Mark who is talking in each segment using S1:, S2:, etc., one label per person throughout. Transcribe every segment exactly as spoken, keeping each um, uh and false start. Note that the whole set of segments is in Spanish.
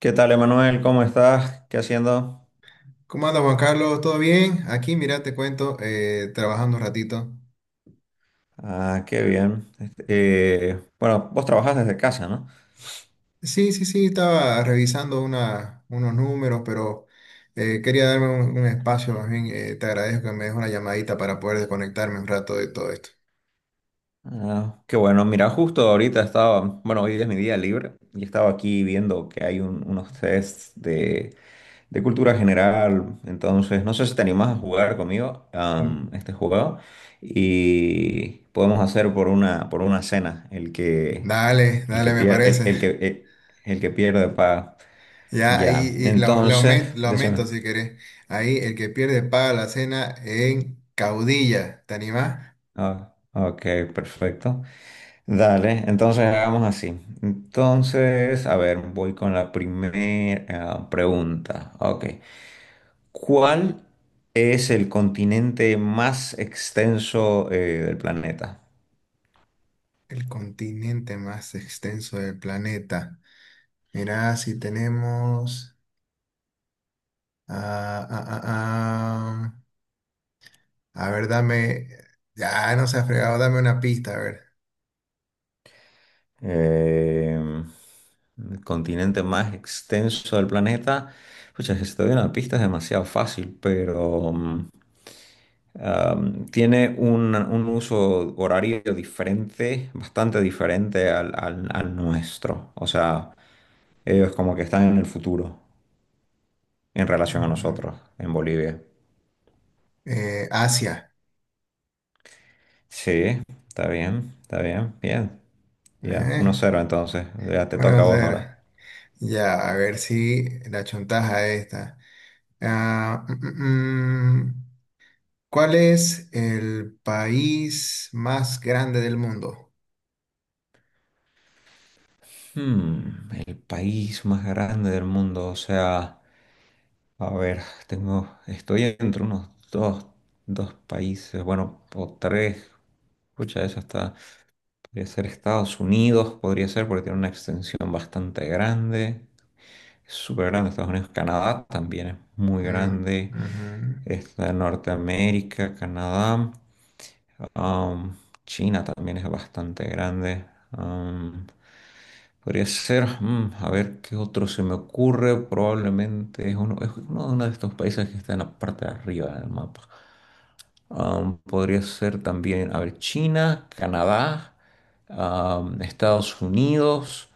S1: ¿Qué tal, Emanuel? ¿Cómo estás? ¿Qué haciendo?
S2: ¿Cómo anda Juan Carlos? ¿Todo bien? Aquí, mira, te cuento, eh, trabajando un ratito.
S1: Ah, qué bien. Este, eh, bueno, vos trabajas desde casa, ¿no?
S2: Sí, sí, sí, estaba revisando una- unos números, pero eh, quería darme un, un espacio más bien. eh, te agradezco que me des una llamadita para poder desconectarme un rato de todo esto.
S1: Ah, qué bueno. Mira, justo ahorita estaba, bueno, hoy es mi día libre y estaba aquí viendo que hay un- unos tests de, de cultura general. Entonces, no sé si te animás a jugar conmigo
S2: Mm.
S1: am, este juego y podemos hacer por una, por una cena el que,
S2: Dale,
S1: el que
S2: dale, me
S1: pierde, el,
S2: parece.
S1: el que, el el que pierde paga.
S2: Ya, y,
S1: Ya,
S2: y lo, lo
S1: entonces,
S2: aumen- lo
S1: decime.
S2: aumento si querés. Ahí, el que pierde paga la cena en Caudilla. ¿Te animás?
S1: Ah, ok, perfecto. Dale, entonces hagamos así. Entonces, a ver, voy con la primera pregunta. Ok. ¿Cuál es el continente más extenso eh, del planeta?
S2: El continente más extenso del planeta. Mirá, si tenemos. Ah, ah, ah, ah. A ver, dame. Ya no se ha fregado, dame una pista, a ver.
S1: Em, el continente más extenso del planeta. Pucha, si te doy una pista es demasiado fácil, pero mm, Um, tiene un, un uso horario diferente, bastante diferente al, al- al nuestro. O sea, ellos como que están en el futuro en relación a
S2: Ujú.
S1: nosotros en Bolivia.
S2: Eh, Asia.
S1: Sí, está bien, está bien, bien. Ya, uno
S2: ¿Eh?
S1: cero entonces. Ya te
S2: Bueno,
S1: toca
S2: a
S1: a vos ahora.
S2: Ya, a ver si la chontaja esta. Ah, mm, mm, mm. ¿Cuál es el país más grande del mundo?
S1: Hmm, el país más grande del mundo. O sea, a ver, tengo, estoy entre unos dos, dos países, bueno, o tres. Escucha, eso está. Podría ser Estados Unidos, podría ser porque tiene una extensión bastante grande. Es súper grande Estados Unidos. Canadá también es muy
S2: Mm,
S1: grande.
S2: ujú.
S1: Está Norteamérica, Canadá. Am, China también es bastante grande. Am, Podría ser, mm, a ver qué otro se me ocurre. Probablemente es uno, es uno de uno de estos países que está en la parte de arriba del mapa. Um, podría ser también, a ver, China, Canadá, um, Estados Unidos,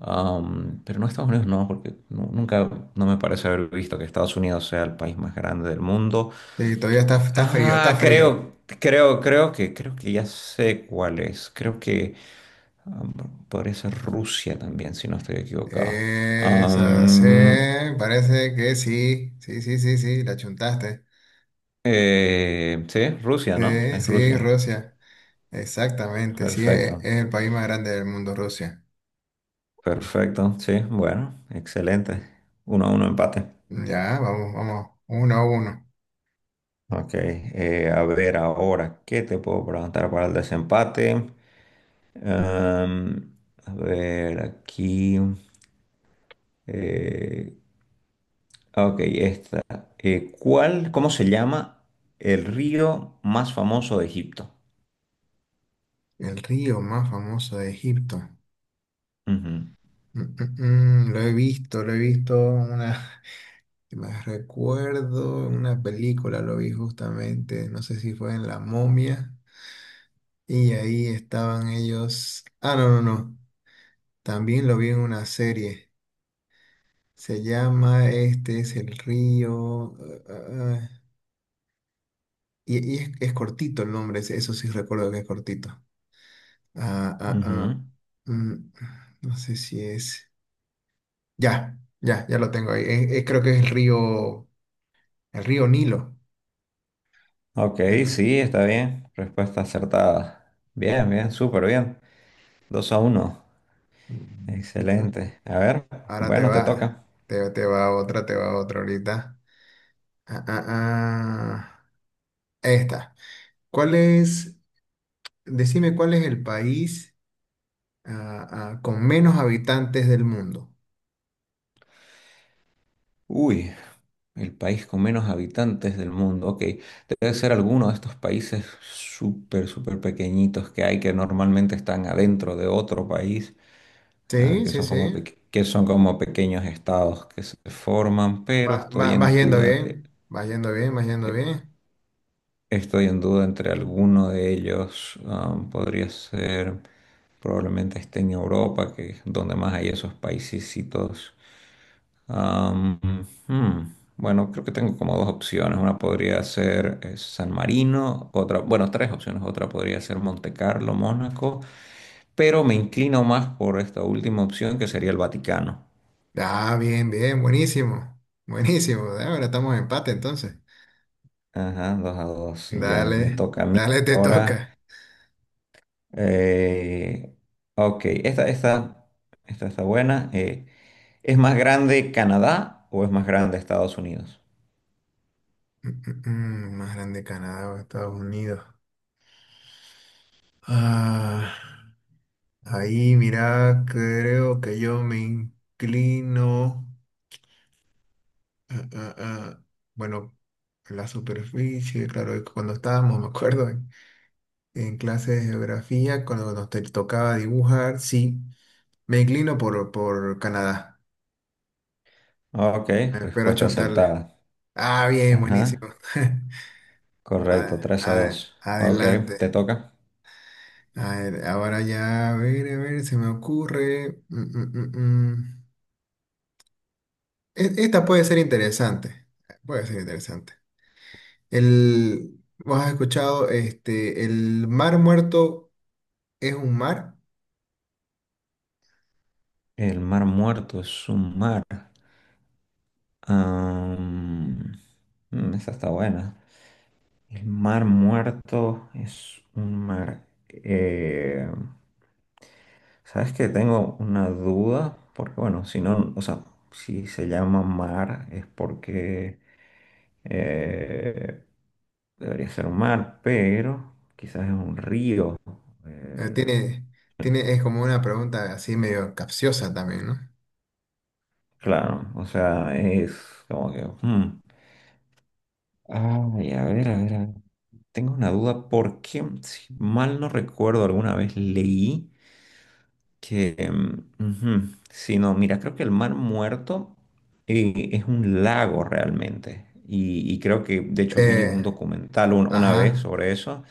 S1: um, pero no Estados Unidos, no, porque nu- nunca, no me parece haber visto que Estados Unidos sea el país más grande del mundo.
S2: Sí, todavía está, está frío, está
S1: Ah,
S2: frío.
S1: creo, creo, creo que, creo que ya sé cuál es. Creo que um, podría ser Rusia también, si no estoy equivocado.
S2: Esa sí,
S1: Um,
S2: parece que sí. Sí, sí, sí, sí, la chuntaste.
S1: eh, sí, Rusia, ¿no?
S2: Sí,
S1: Es
S2: sí,
S1: Rusia.
S2: Rusia. Exactamente. Sí, e- es,
S1: Perfecto.
S2: el país más grande del mundo, Rusia.
S1: Perfecto, sí, bueno, excelente. Uno a uno empate.
S2: Ya, vamos, vamos. Uno a uno.
S1: Ok, eh, a ver ahora, ¿qué te puedo preguntar para el desempate? Am, a ver, aquí. eh, ok, esta. eh, ¿cuál, Cómo se llama el río más famoso de Egipto?
S2: El río más famoso de Egipto.
S1: Ujú,
S2: Mm, mm, mm, lo he visto, lo he visto una. Me recuerdo en una película, lo vi justamente. No sé si fue en La Momia. Y ahí estaban ellos. Ah, no, no, no. También lo vi en una serie. Se llama Este es el río. eh, eh, eh, Y, y es, es cortito el nombre, ese- eso sí recuerdo que es cortito. Ah, ah, ah.
S1: ujú.
S2: Mm, no sé si es. Ya, ya, ya lo tengo ahí. Es- es- creo que es el río, el río, Nilo.
S1: Ok,
S2: Eh, no-
S1: sí, está bien. Respuesta acertada. Bien, bien, súper bien. Dos a uno,
S2: Mm, mm, mm. Mm.
S1: excelente. A ver,
S2: Ahora te
S1: bueno, te
S2: va,
S1: toca.
S2: te, te va otra, te va otra ahorita. Ah, ah, ah. Esta. ¿Cuál es, decime cuál es el país ah, ah, con menos habitantes del mundo?
S1: Uy, el país con menos habitantes del mundo. Ok, debe ser alguno de estos países súper, súper pequeñitos que hay que normalmente están adentro de otro país, ah,
S2: Sí,
S1: que
S2: sí,
S1: son
S2: sí.
S1: como, peque- que son como pequeños estados que se forman, pero
S2: Va-
S1: estoy
S2: va- vas
S1: en
S2: yendo
S1: duda,
S2: bien,
S1: de-
S2: vas yendo bien, vas yendo bien.
S1: estoy en duda entre alguno de ellos. Ah, podría ser, probablemente esté en Europa, que es donde más hay esos paisecitos. Am, hmm, Bueno, creo que tengo como dos opciones. Una podría ser eh, San Marino, otra, bueno, tres opciones. Otra podría ser Monte Carlo, Mónaco, pero me inclino más por esta última opción que sería el Vaticano.
S2: Ah, bien, bien, buenísimo, buenísimo. Ah, ahora estamos en empate entonces.
S1: Ajá, dos a dos. y Ya, me
S2: Dale,
S1: toca a mí
S2: dale, te
S1: ahora.
S2: toca.
S1: Eh, ok, esta, esta, esta está buena. Eh, ¿es más grande Canadá o es más grande Estados Unidos?
S2: Mm, mm, mm, Más grande Canadá o Estados Unidos. Ah, ahí, mira, creo que yo me inclino. Ah, ah, ah. Bueno, la superficie, claro, es que cuando estábamos, me acuerdo, en, en, clase de geografía, cuando nos te tocaba dibujar, sí. Me inclino por, por Canadá.
S1: Ok,
S2: Espero
S1: respuesta
S2: achontarle.
S1: acertada.
S2: Ah, bien,
S1: Ajá.
S2: buenísimo.
S1: Correcto,
S2: A-
S1: tres a
S2: a-
S1: dos, Ok,
S2: adelante.
S1: te toca.
S2: A ver, ahora ya, a ver, a ver, se me ocurre. Mm, mm, mm, mm. E- Esta puede ser interesante. Puede ser interesante. El, ¿vos has escuchado? Este, el Mar Muerto es un mar.
S1: El Mar Muerto es un mar. Am, mm, Esa está buena. El Mar Muerto es un mar. Eh, ¿Sabes que tengo una duda? Porque bueno, si no, o sea, si se llama mar es porque eh, debería ser un mar, pero quizás es un río.
S2: Eh,
S1: Eh,
S2: tiene, tiene, es como una pregunta así medio capciosa también, ¿no?
S1: claro, o sea, es como que. Hmm. Ay, a ver, a ver, a ver. Tengo una duda porque, si mal no recuerdo, alguna vez leí que, mm, ujú, sí, no, mira, creo que el Mar Muerto eh, es un lago realmente. Y, y creo que, de hecho, vi
S2: Eh,
S1: un documental un- una vez
S2: ajá.
S1: sobre eso,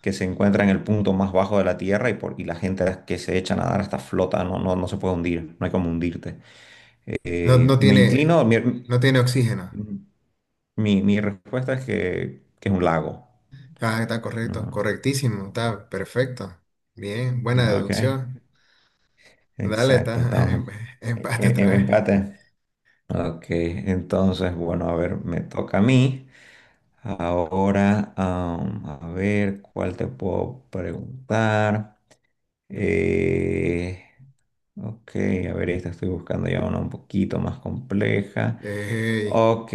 S1: que se encuentra en el punto más bajo de la Tierra y, por, y la gente que se echa a nadar hasta flota, no, no, no se puede hundir, no hay como hundirte.
S2: No,
S1: Eh,
S2: no
S1: me inclino,
S2: tiene,
S1: mi,
S2: no tiene oxígeno.
S1: mi, mi respuesta es que, que es un lago.
S2: Ah, está correcto,
S1: ¿No?
S2: correctísimo, está perfecto. Bien, buena
S1: Ok,
S2: deducción. Dale, está
S1: exacto, estamos
S2: em-
S1: en,
S2: empate
S1: en-
S2: otra
S1: en
S2: vez.
S1: empate. Ok, entonces, bueno, a ver, me toca a mí. Ahora, am, a ver, ¿cuál te puedo preguntar? Eh, ok, a ver, esta estoy buscando ya una un poquito más compleja.
S2: Ey,
S1: Ok,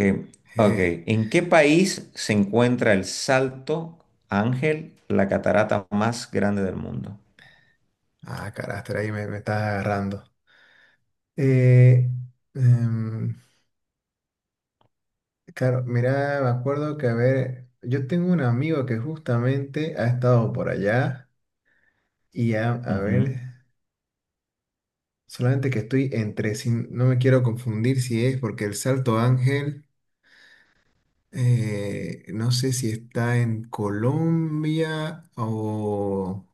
S1: ok.
S2: eh.
S1: ¿En qué país se encuentra el Salto Ángel, la catarata más grande del mundo?
S2: Ah, carácter, ahí me, me estás agarrando. Eh, em, claro, mira, me acuerdo que, a ver, yo tengo un amigo que justamente ha estado por allá y a, a
S1: Ujú.
S2: ver, solamente que estoy entre, si, no me quiero confundir si es porque el Salto Ángel... Eh, no sé si está en Colombia o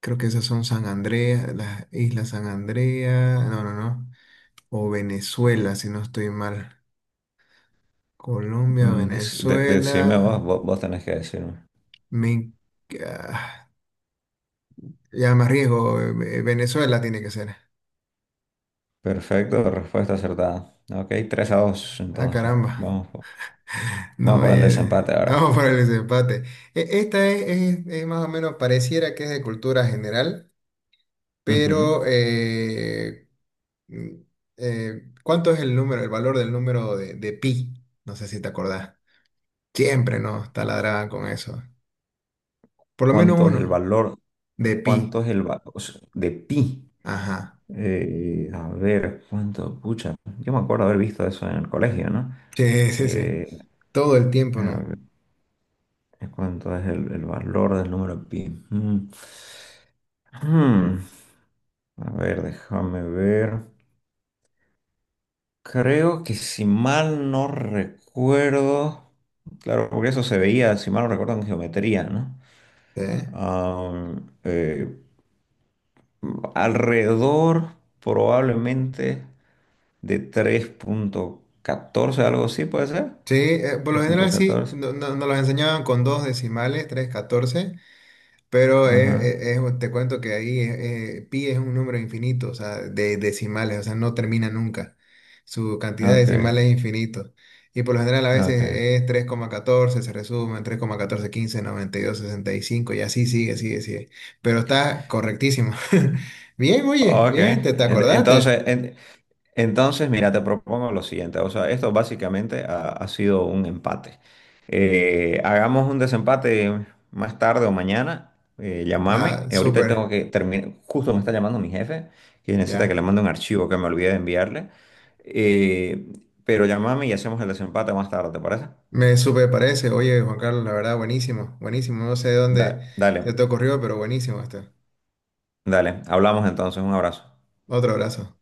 S2: creo que esas son San Andrea, las Islas San Andrea, no, no, no, o Venezuela, si no estoy mal. Colombia,
S1: Mm, des- de- decime
S2: Venezuela,
S1: vos, vos, vos, tenés que decirme.
S2: me... ah, ya me arriesgo, eh, Venezuela tiene que ser.
S1: Perfecto, respuesta acertada. Ok, tres a dos
S2: Ah,
S1: entonces.
S2: caramba.
S1: Vamos, po- vamos
S2: No,
S1: por el
S2: eh,
S1: desempate ahora.
S2: vamos para el desempate. E- Esta es, es- es más o menos, pareciera que es de cultura general,
S1: Ujú.
S2: pero... eh, Mm, eh, ¿cuánto es el número, el valor del número de, de pi? No sé si te acordás. Siempre nos taladraban con eso. Por lo menos
S1: ¿Cuánto es el
S2: uno
S1: valor?
S2: de pi.
S1: ¿Cuánto es el valor de pi?
S2: Ajá.
S1: Eh, a ver, ¿cuánto? Pucha, yo me acuerdo haber visto eso en el colegio, ¿no?
S2: Sí, sí, sí.
S1: Eh,
S2: Todo el tiempo,
S1: a
S2: ¿no?
S1: ver, ¿cuánto es el, el valor del número pi? Mm. Mm. A ver, déjame ver. Creo que si mal no recuerdo, claro, porque eso se veía, si mal no recuerdo, en geometría, ¿no?
S2: Sí.
S1: Am, eh, Alrededor probablemente de tres punto catorce, algo así puede ser.
S2: Sí, eh, por lo
S1: tres punto
S2: general sí.
S1: catorce.
S2: No- no- nos los enseñaban con dos decimales, tres, catorce. Pero es,
S1: Ajá.
S2: es- es- te cuento que ahí eh, pi es un número infinito, o sea, de decimales, o sea, no termina nunca. Su cantidad de
S1: Ok,
S2: decimales es infinito. Y por lo general a veces
S1: ok.
S2: es tres coma catorce se resumen, tres coma catorce, quince, noventa y dos, sesenta y cinco, y dos, sesenta y cinco, y así sigue, sigue, sigue. Pero está correctísimo. Bien, oye,
S1: Ok,
S2: bien, ¿te, te
S1: en- entonces,
S2: acordaste?
S1: en- Entonces, mira, te propongo lo siguiente. O sea, esto básicamente ha, ha sido un empate. Eh, hagamos un desempate más tarde o mañana. Eh, llámame.
S2: Ah,
S1: Eh, Ahorita tengo
S2: súper,
S1: que terminar. Justo me está llamando mi jefe, que necesita que le
S2: ya.
S1: mande un archivo que me olvidé de enviarle. Eh, pero llámame y hacemos el desempate más tarde, ¿te parece?
S2: Me súper parece. Oye, Juan Carlos, la verdad, buenísimo, buenísimo. No sé de dónde
S1: Da- dale,
S2: se te ocurrió, pero buenísimo esto.
S1: dale. Hablamos entonces. Un abrazo.
S2: Otro abrazo.